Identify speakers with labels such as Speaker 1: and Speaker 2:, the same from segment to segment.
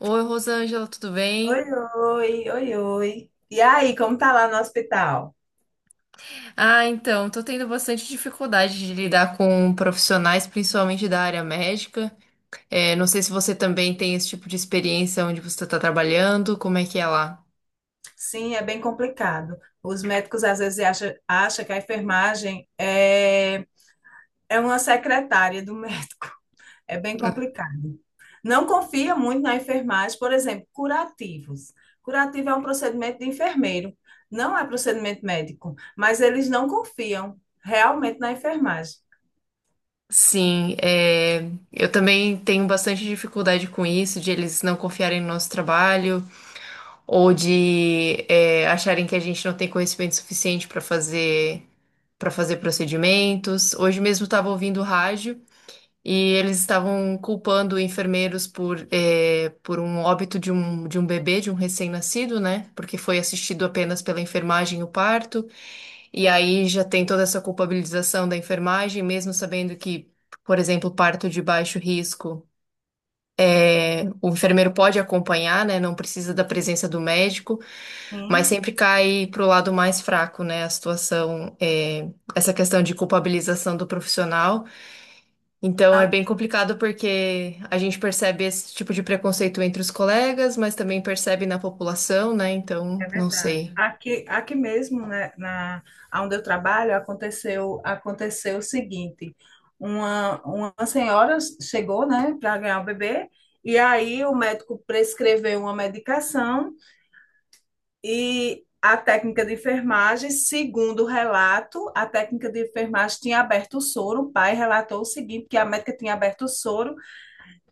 Speaker 1: Oi, Rosângela, tudo
Speaker 2: Oi,
Speaker 1: bem?
Speaker 2: oi, oi, oi. E aí, como tá lá no hospital?
Speaker 1: Ah, então, tô tendo bastante dificuldade de lidar com profissionais, principalmente da área médica. É, não sei se você também tem esse tipo de experiência onde você está trabalhando, como é que é lá?
Speaker 2: Sim, é bem complicado. Os médicos às vezes acham que a enfermagem é uma secretária do médico. É bem complicado. Não confia muito na enfermagem, por exemplo, curativos. Curativo é um procedimento de enfermeiro, não é procedimento médico, mas eles não confiam realmente na enfermagem.
Speaker 1: Sim, eu também tenho bastante dificuldade com isso, de eles não confiarem no nosso trabalho ou de acharem que a gente não tem conhecimento suficiente para fazer procedimentos. Hoje mesmo estava ouvindo rádio. E eles estavam culpando enfermeiros por um óbito de um bebê, de um recém-nascido, né? Porque foi assistido apenas pela enfermagem o parto. E aí já tem toda essa culpabilização da enfermagem, mesmo sabendo que, por exemplo, parto de baixo risco, o enfermeiro pode acompanhar, né? Não precisa da presença do médico, mas
Speaker 2: Sim.
Speaker 1: sempre cai pro lado mais fraco, né? A situação, essa questão de culpabilização do profissional. Então é bem complicado porque a gente percebe esse tipo de preconceito entre os colegas, mas também percebe na população, né? Então,
Speaker 2: É
Speaker 1: não
Speaker 2: verdade.
Speaker 1: sei.
Speaker 2: Aqui mesmo, né, onde eu trabalho, aconteceu o seguinte: uma senhora chegou, né, para ganhar o bebê, e aí o médico prescreveu uma medicação e a técnica de enfermagem, segundo o relato, a técnica de enfermagem tinha aberto o soro. O pai relatou o seguinte: que a médica tinha aberto o soro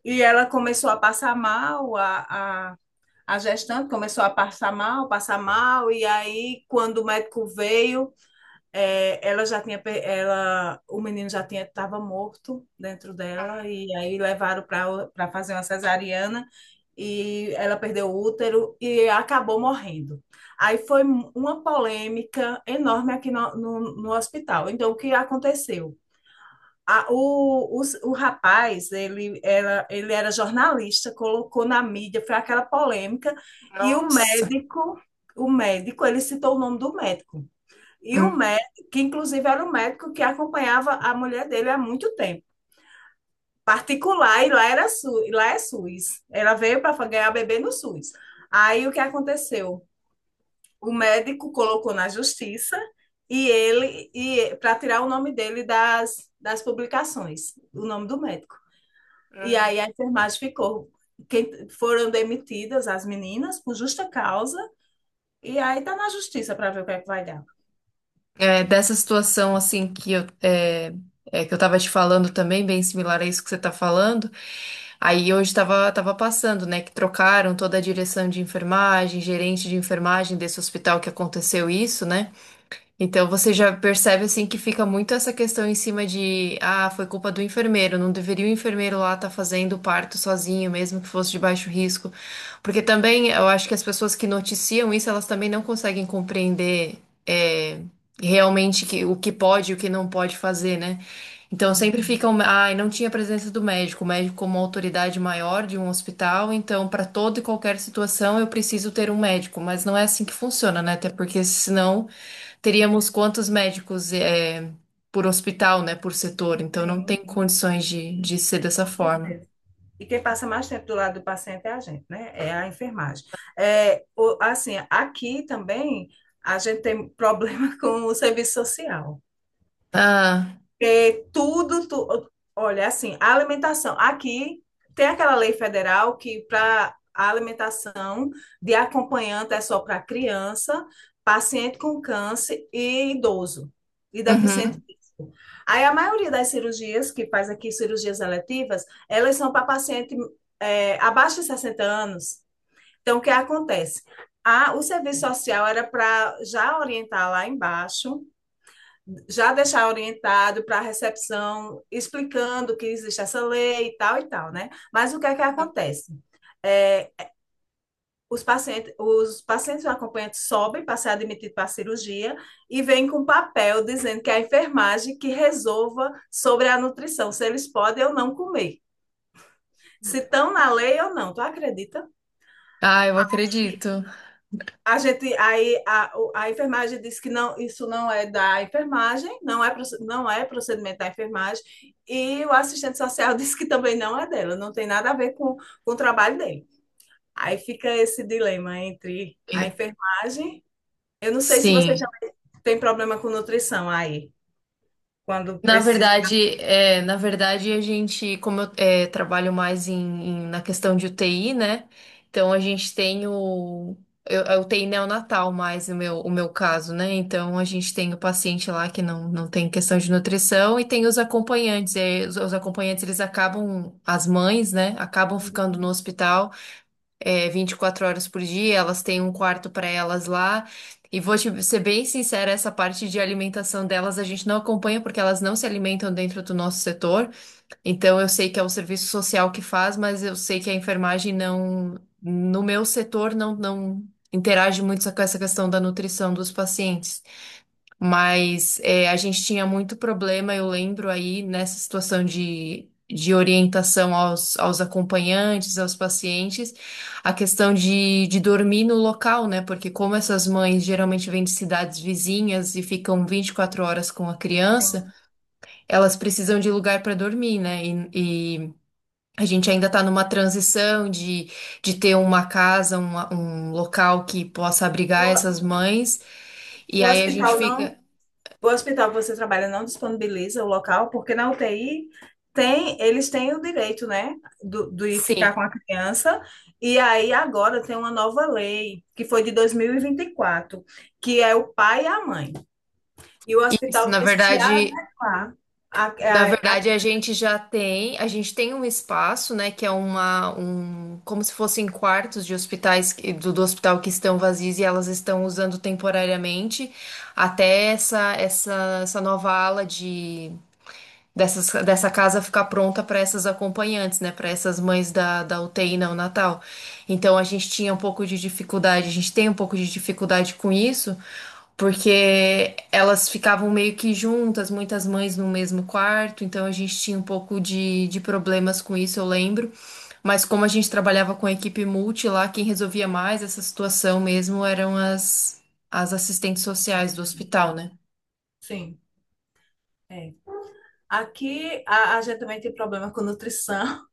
Speaker 2: e ela começou a passar mal, a gestante começou a passar mal, e aí quando o médico veio, ela já o menino já estava morto dentro dela, e aí levaram para fazer uma cesariana, e ela perdeu o útero e acabou morrendo. Aí foi uma polêmica enorme aqui no hospital. Então, o que aconteceu? A- o, o, o rapaz, ele era jornalista, colocou na mídia, foi aquela polêmica, e
Speaker 1: Nossa.
Speaker 2: o médico, ele citou o nome do médico. E o
Speaker 1: Hum.
Speaker 2: médico, que inclusive era o médico que acompanhava a mulher dele há muito tempo. Particular, e lá era SU, e lá é SUS. Ela veio para ganhar bebê no SUS. Aí o que aconteceu? O médico colocou na justiça e ele e para tirar o nome dele das publicações, o nome do médico. E
Speaker 1: Hum.
Speaker 2: aí a enfermagem ficou. Quem, foram demitidas as meninas por justa causa, e aí tá na justiça para ver o que é que vai dar.
Speaker 1: É, dessa situação assim que eu tava te falando também, bem similar a isso que você tá falando. Aí hoje tava passando, né? Que trocaram toda a direção de enfermagem, gerente de enfermagem desse hospital que aconteceu isso, né? Então você já percebe assim que fica muito essa questão em cima de, ah, foi culpa do enfermeiro, não deveria o enfermeiro lá estar fazendo o parto sozinho, mesmo que fosse de baixo risco. Porque também eu acho que as pessoas que noticiam isso, elas também não conseguem compreender é, realmente que, o que pode e o que não pode fazer, né? Então
Speaker 2: Sim.
Speaker 1: sempre ficam, ah, e não tinha presença do médico, o médico como autoridade maior de um hospital, então para toda e qualquer situação eu preciso ter um médico, mas não é assim que funciona, né? Até porque senão teríamos quantos médicos por hospital, né, por setor, então não tem
Speaker 2: Sim,
Speaker 1: condições de ser dessa
Speaker 2: com
Speaker 1: forma.
Speaker 2: certeza. E quem passa mais tempo do lado do paciente é a gente, né? É a enfermagem. Assim, aqui também a gente tem problema com o serviço social.
Speaker 1: Ah,
Speaker 2: É, tudo, tu- Olha, assim, a alimentação. Aqui tem aquela lei federal que para a alimentação de acompanhante é só para criança, paciente com câncer e idoso e deficiente
Speaker 1: uhum.
Speaker 2: físico. Aí a maioria das cirurgias que faz aqui, cirurgias eletivas, elas são para paciente abaixo de 60 anos. Então, o que acontece? O serviço social era para já orientar lá embaixo, já deixar orientado para a recepção, explicando que existe essa lei e tal, né? Mas o que é que acontece? É, os pacientes acompanhantes sobem para ser admitido para a cirurgia e vêm com um papel dizendo que é a enfermagem que resolva sobre a nutrição, se eles podem ou não comer, se estão na lei ou não. Tu acredita?
Speaker 1: Ah, eu acredito.
Speaker 2: A gente, a enfermagem disse que não, isso não é da enfermagem, não é procedimento da enfermagem, e o assistente social disse que também não é dela, não tem nada a ver com o trabalho dele. Aí fica esse dilema entre a
Speaker 1: E-
Speaker 2: enfermagem. Eu não sei se você já
Speaker 1: Sim.
Speaker 2: tem problema com nutrição aí quando
Speaker 1: Na
Speaker 2: precisa.
Speaker 1: verdade, é, na verdade, a gente, como eu trabalho mais na questão de UTI, né? Então a gente tem eu, é UTI neonatal mais o meu caso, né? Então a gente tem o paciente lá que não tem questão de nutrição e tem os acompanhantes. E aí, os acompanhantes, eles acabam, as mães, né? Acabam ficando no hospital 24 horas por dia, elas têm um quarto para elas lá. E vou te ser bem sincera, essa parte de alimentação delas a gente não acompanha porque elas não se alimentam dentro do nosso setor. Então eu sei que é o serviço social que faz, mas eu sei que a enfermagem não, no meu setor não interage muito com essa questão da nutrição dos pacientes. Mas a gente tinha muito problema, eu lembro aí, nessa situação de orientação aos acompanhantes, aos pacientes, a questão de dormir no local, né? Porque como essas mães geralmente vêm de cidades vizinhas e ficam 24 horas com a criança, elas precisam de lugar para dormir, né? E a gente ainda está numa transição de ter uma casa, um local que possa abrigar
Speaker 2: O,
Speaker 1: essas mães, e
Speaker 2: o
Speaker 1: aí a gente
Speaker 2: hospital não
Speaker 1: fica.
Speaker 2: O hospital que você trabalha não disponibiliza o local, porque na UTI tem, eles têm o direito, né, de ficar com
Speaker 1: Sim.
Speaker 2: a criança. E aí agora tem uma nova lei, que foi de dois mil e vinte e quatro, que é o pai e a mãe. E o
Speaker 1: Isso,
Speaker 2: hospital
Speaker 1: na
Speaker 2: tem que se
Speaker 1: verdade,
Speaker 2: adequar. A,
Speaker 1: na
Speaker 2: a, a-
Speaker 1: verdade a gente tem um espaço, né, que é um, como se fossem quartos de hospitais do hospital que estão vazios e elas estão usando temporariamente até essa nova ala dessa casa ficar pronta para essas acompanhantes, né, para essas mães da UTI neonatal. Então a gente tinha um pouco de dificuldade, a gente tem um pouco de dificuldade com isso porque elas ficavam meio que juntas, muitas mães no mesmo quarto, então a gente tinha um pouco de problemas com isso, eu lembro. Mas como a gente trabalhava com a equipe multi lá, quem resolvia mais essa situação mesmo eram as assistentes sociais do hospital, né?
Speaker 2: sim, é. Aqui a gente também tem problema com nutrição.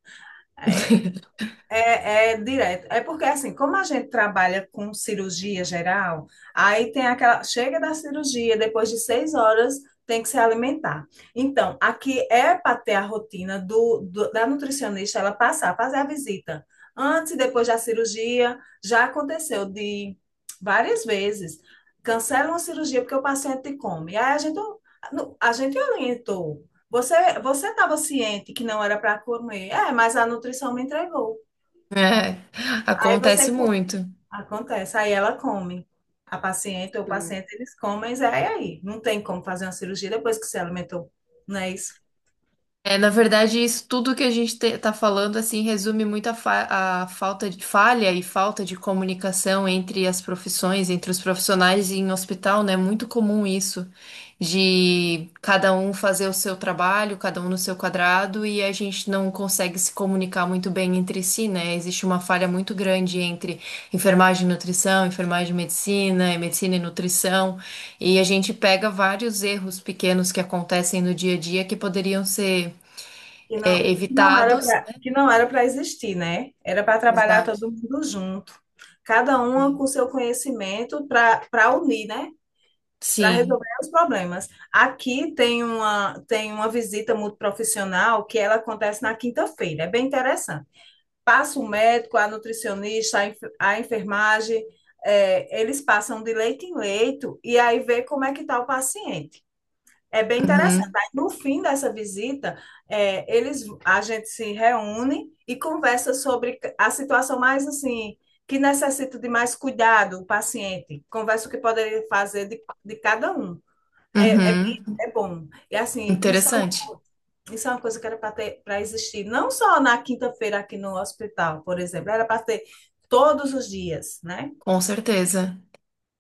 Speaker 2: É, é direto. É porque, assim, como a gente trabalha com cirurgia geral, aí tem aquela. Chega da cirurgia, depois de 6 horas, tem que se alimentar. Então, aqui é para ter a rotina da nutricionista, ela passar, fazer a visita. Antes e depois da cirurgia, já aconteceu de várias vezes. Cancela uma cirurgia porque o paciente come. Aí a gente orientou. Você, Você estava ciente que não era para comer. É, mas a nutrição me entregou.
Speaker 1: É,
Speaker 2: Aí você
Speaker 1: acontece
Speaker 2: co-
Speaker 1: muito.
Speaker 2: Acontece, aí ela come. A paciente ou o paciente, eles comem, mas é aí. Não tem como fazer uma cirurgia depois que se alimentou, não é isso?
Speaker 1: É, na verdade, isso tudo que a gente tá falando, assim, resume muito a falta de falha e falta de comunicação entre as profissões, entre os profissionais em hospital, né? É muito comum isso, de cada um fazer o seu trabalho, cada um no seu quadrado, e a gente não consegue se comunicar muito bem entre si, né? Existe uma falha muito grande entre enfermagem e nutrição, enfermagem e medicina, e medicina e nutrição. E a gente pega vários erros pequenos que acontecem no dia a dia que poderiam ser
Speaker 2: Que não, não era
Speaker 1: evitados.
Speaker 2: para, que não era para existir, né? Era para trabalhar
Speaker 1: Exato.
Speaker 2: todo mundo junto, cada uma
Speaker 1: Sim.
Speaker 2: com seu conhecimento para unir, né? Para
Speaker 1: Sim.
Speaker 2: resolver os problemas. Aqui tem uma visita multiprofissional que ela acontece na quinta-feira, é bem interessante. Passa o médico, a nutricionista, a enfermagem, eles passam de leito em leito e aí vê como é que está o paciente. É bem interessante.
Speaker 1: Uhum.
Speaker 2: Aí, no fim dessa visita, a gente se reúne e conversa sobre a situação mais assim, que necessita de mais cuidado, o paciente. Conversa o que poderia fazer de cada um.
Speaker 1: Uhum.
Speaker 2: É bom. E assim,
Speaker 1: Interessante,
Speaker 2: isso é uma coisa que era para existir, não só na quinta-feira aqui no hospital, por exemplo, era para ter todos os dias, né?
Speaker 1: com certeza.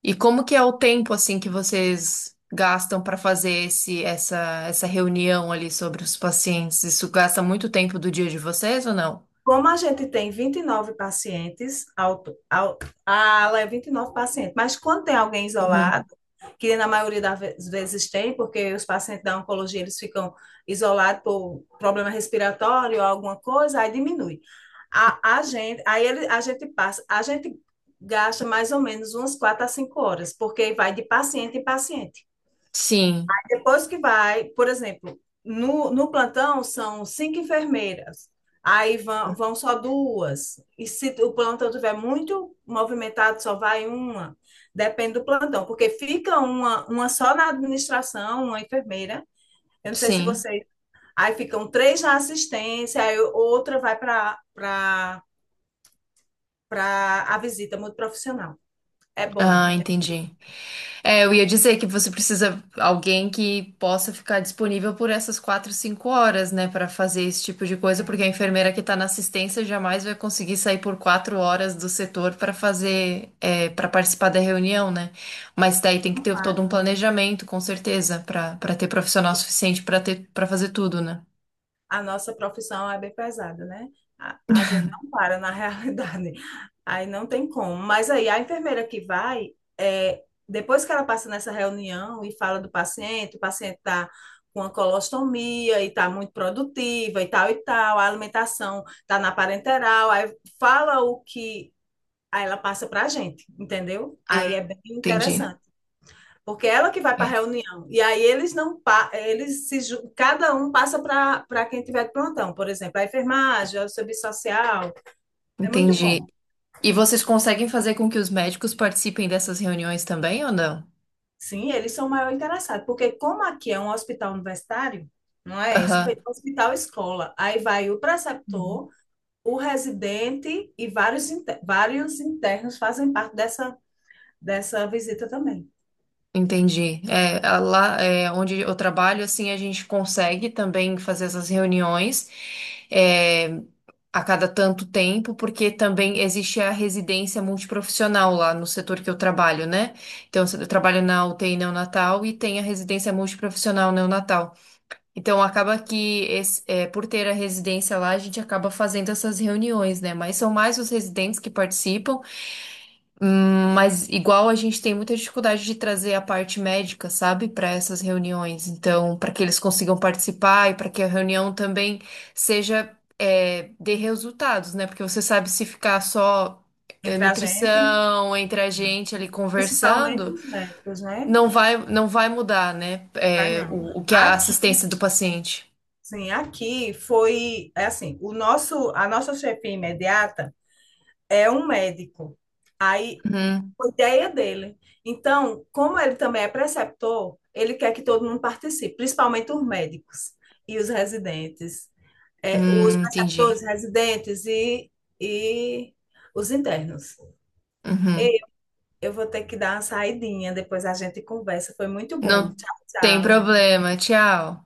Speaker 1: E como que é o tempo assim que vocês gastam para fazer essa reunião ali sobre os pacientes? Isso gasta muito tempo do dia de vocês ou não?
Speaker 2: Como a gente tem 29 pacientes, ao, a ala é 29 pacientes, mas quando tem alguém isolado,
Speaker 1: Uhum.
Speaker 2: que na maioria das vezes tem, porque os pacientes da oncologia eles ficam isolados por problema respiratório ou alguma coisa, aí diminui. A gente, aí ele, a gente passa, A gente gasta mais ou menos umas 4 a 5 horas, porque vai de paciente em paciente.
Speaker 1: Sim,
Speaker 2: Depois que vai, por exemplo, no plantão são 5 enfermeiras, aí vão só duas, e se o plantão tiver muito movimentado, só vai uma, depende do plantão, porque fica uma, só na administração, uma enfermeira, eu não sei se
Speaker 1: sim.
Speaker 2: vocês. Aí ficam três na assistência, aí outra vai para a visita muito profissional. É bom.
Speaker 1: Ah, entendi. É, eu ia dizer que você precisa alguém que possa ficar disponível por essas 4, 5 horas, né, para fazer esse tipo de coisa,
Speaker 2: É,
Speaker 1: porque a enfermeira que está na assistência jamais vai conseguir sair por 4 horas do setor para participar da reunião, né? Mas daí tem que
Speaker 2: não
Speaker 1: ter todo um
Speaker 2: para.
Speaker 1: planejamento, com certeza, pra para ter profissional suficiente pra ter para fazer tudo, né?
Speaker 2: A nossa profissão é bem pesada, né? A gente não para na realidade. Aí não tem como. Mas aí a enfermeira que vai, depois que ela passa nessa reunião e fala do paciente, o paciente está com a colostomia e está muito produtiva e tal, a alimentação está na parenteral, aí fala o que, aí ela passa para a gente, entendeu? Aí é
Speaker 1: Hum.
Speaker 2: bem
Speaker 1: Entendi.
Speaker 2: interessante. Porque é ela que vai para a
Speaker 1: É,
Speaker 2: reunião. E aí eles não pa- eles se ju- cada um passa para quem tiver de plantão, por exemplo, a enfermagem, o serviço social. É muito bom.
Speaker 1: entendi. E vocês conseguem fazer com que os médicos participem dessas reuniões também ou não?
Speaker 2: Sim, eles são o maior interessado, porque como aqui é um hospital universitário, não é? Isso,
Speaker 1: Aham.
Speaker 2: é hospital escola. Aí vai o preceptor, o residente e vários internos fazem parte dessa dessa visita também.
Speaker 1: Entendi. É, lá onde eu trabalho, assim, a gente consegue também fazer essas reuniões é, a cada tanto tempo, porque também existe a residência multiprofissional lá no setor que eu trabalho, né? Então, eu trabalho na UTI neonatal e tem a residência multiprofissional neonatal. Então, acaba que, por ter a residência lá, a gente acaba fazendo essas reuniões, né? Mas são mais os residentes que participam. Mas igual a gente tem muita dificuldade de trazer a parte médica, sabe, para essas reuniões. Então, para que eles consigam participar e para que a reunião também seja dê resultados, né? Porque você sabe se ficar só
Speaker 2: Entre a gente,
Speaker 1: nutrição entre a gente ali
Speaker 2: principalmente
Speaker 1: conversando,
Speaker 2: os médicos, né?
Speaker 1: não vai mudar, né?
Speaker 2: Vai não.
Speaker 1: O que é a
Speaker 2: Aqui
Speaker 1: assistência do paciente.
Speaker 2: Sim, aqui foi é assim, o nosso, a nossa chefia imediata é um médico. Aí
Speaker 1: Uhum.
Speaker 2: foi ideia dele. Então, como ele também é preceptor, ele quer que todo mundo participe, principalmente os médicos e os residentes, os
Speaker 1: Entendi.
Speaker 2: preceptores, residentes e os internos.
Speaker 1: Uhum.
Speaker 2: E eu vou ter que dar uma saidinha, depois a gente conversa. Foi muito bom.
Speaker 1: Não
Speaker 2: Tchau,
Speaker 1: tem
Speaker 2: tchau.
Speaker 1: problema. Tchau.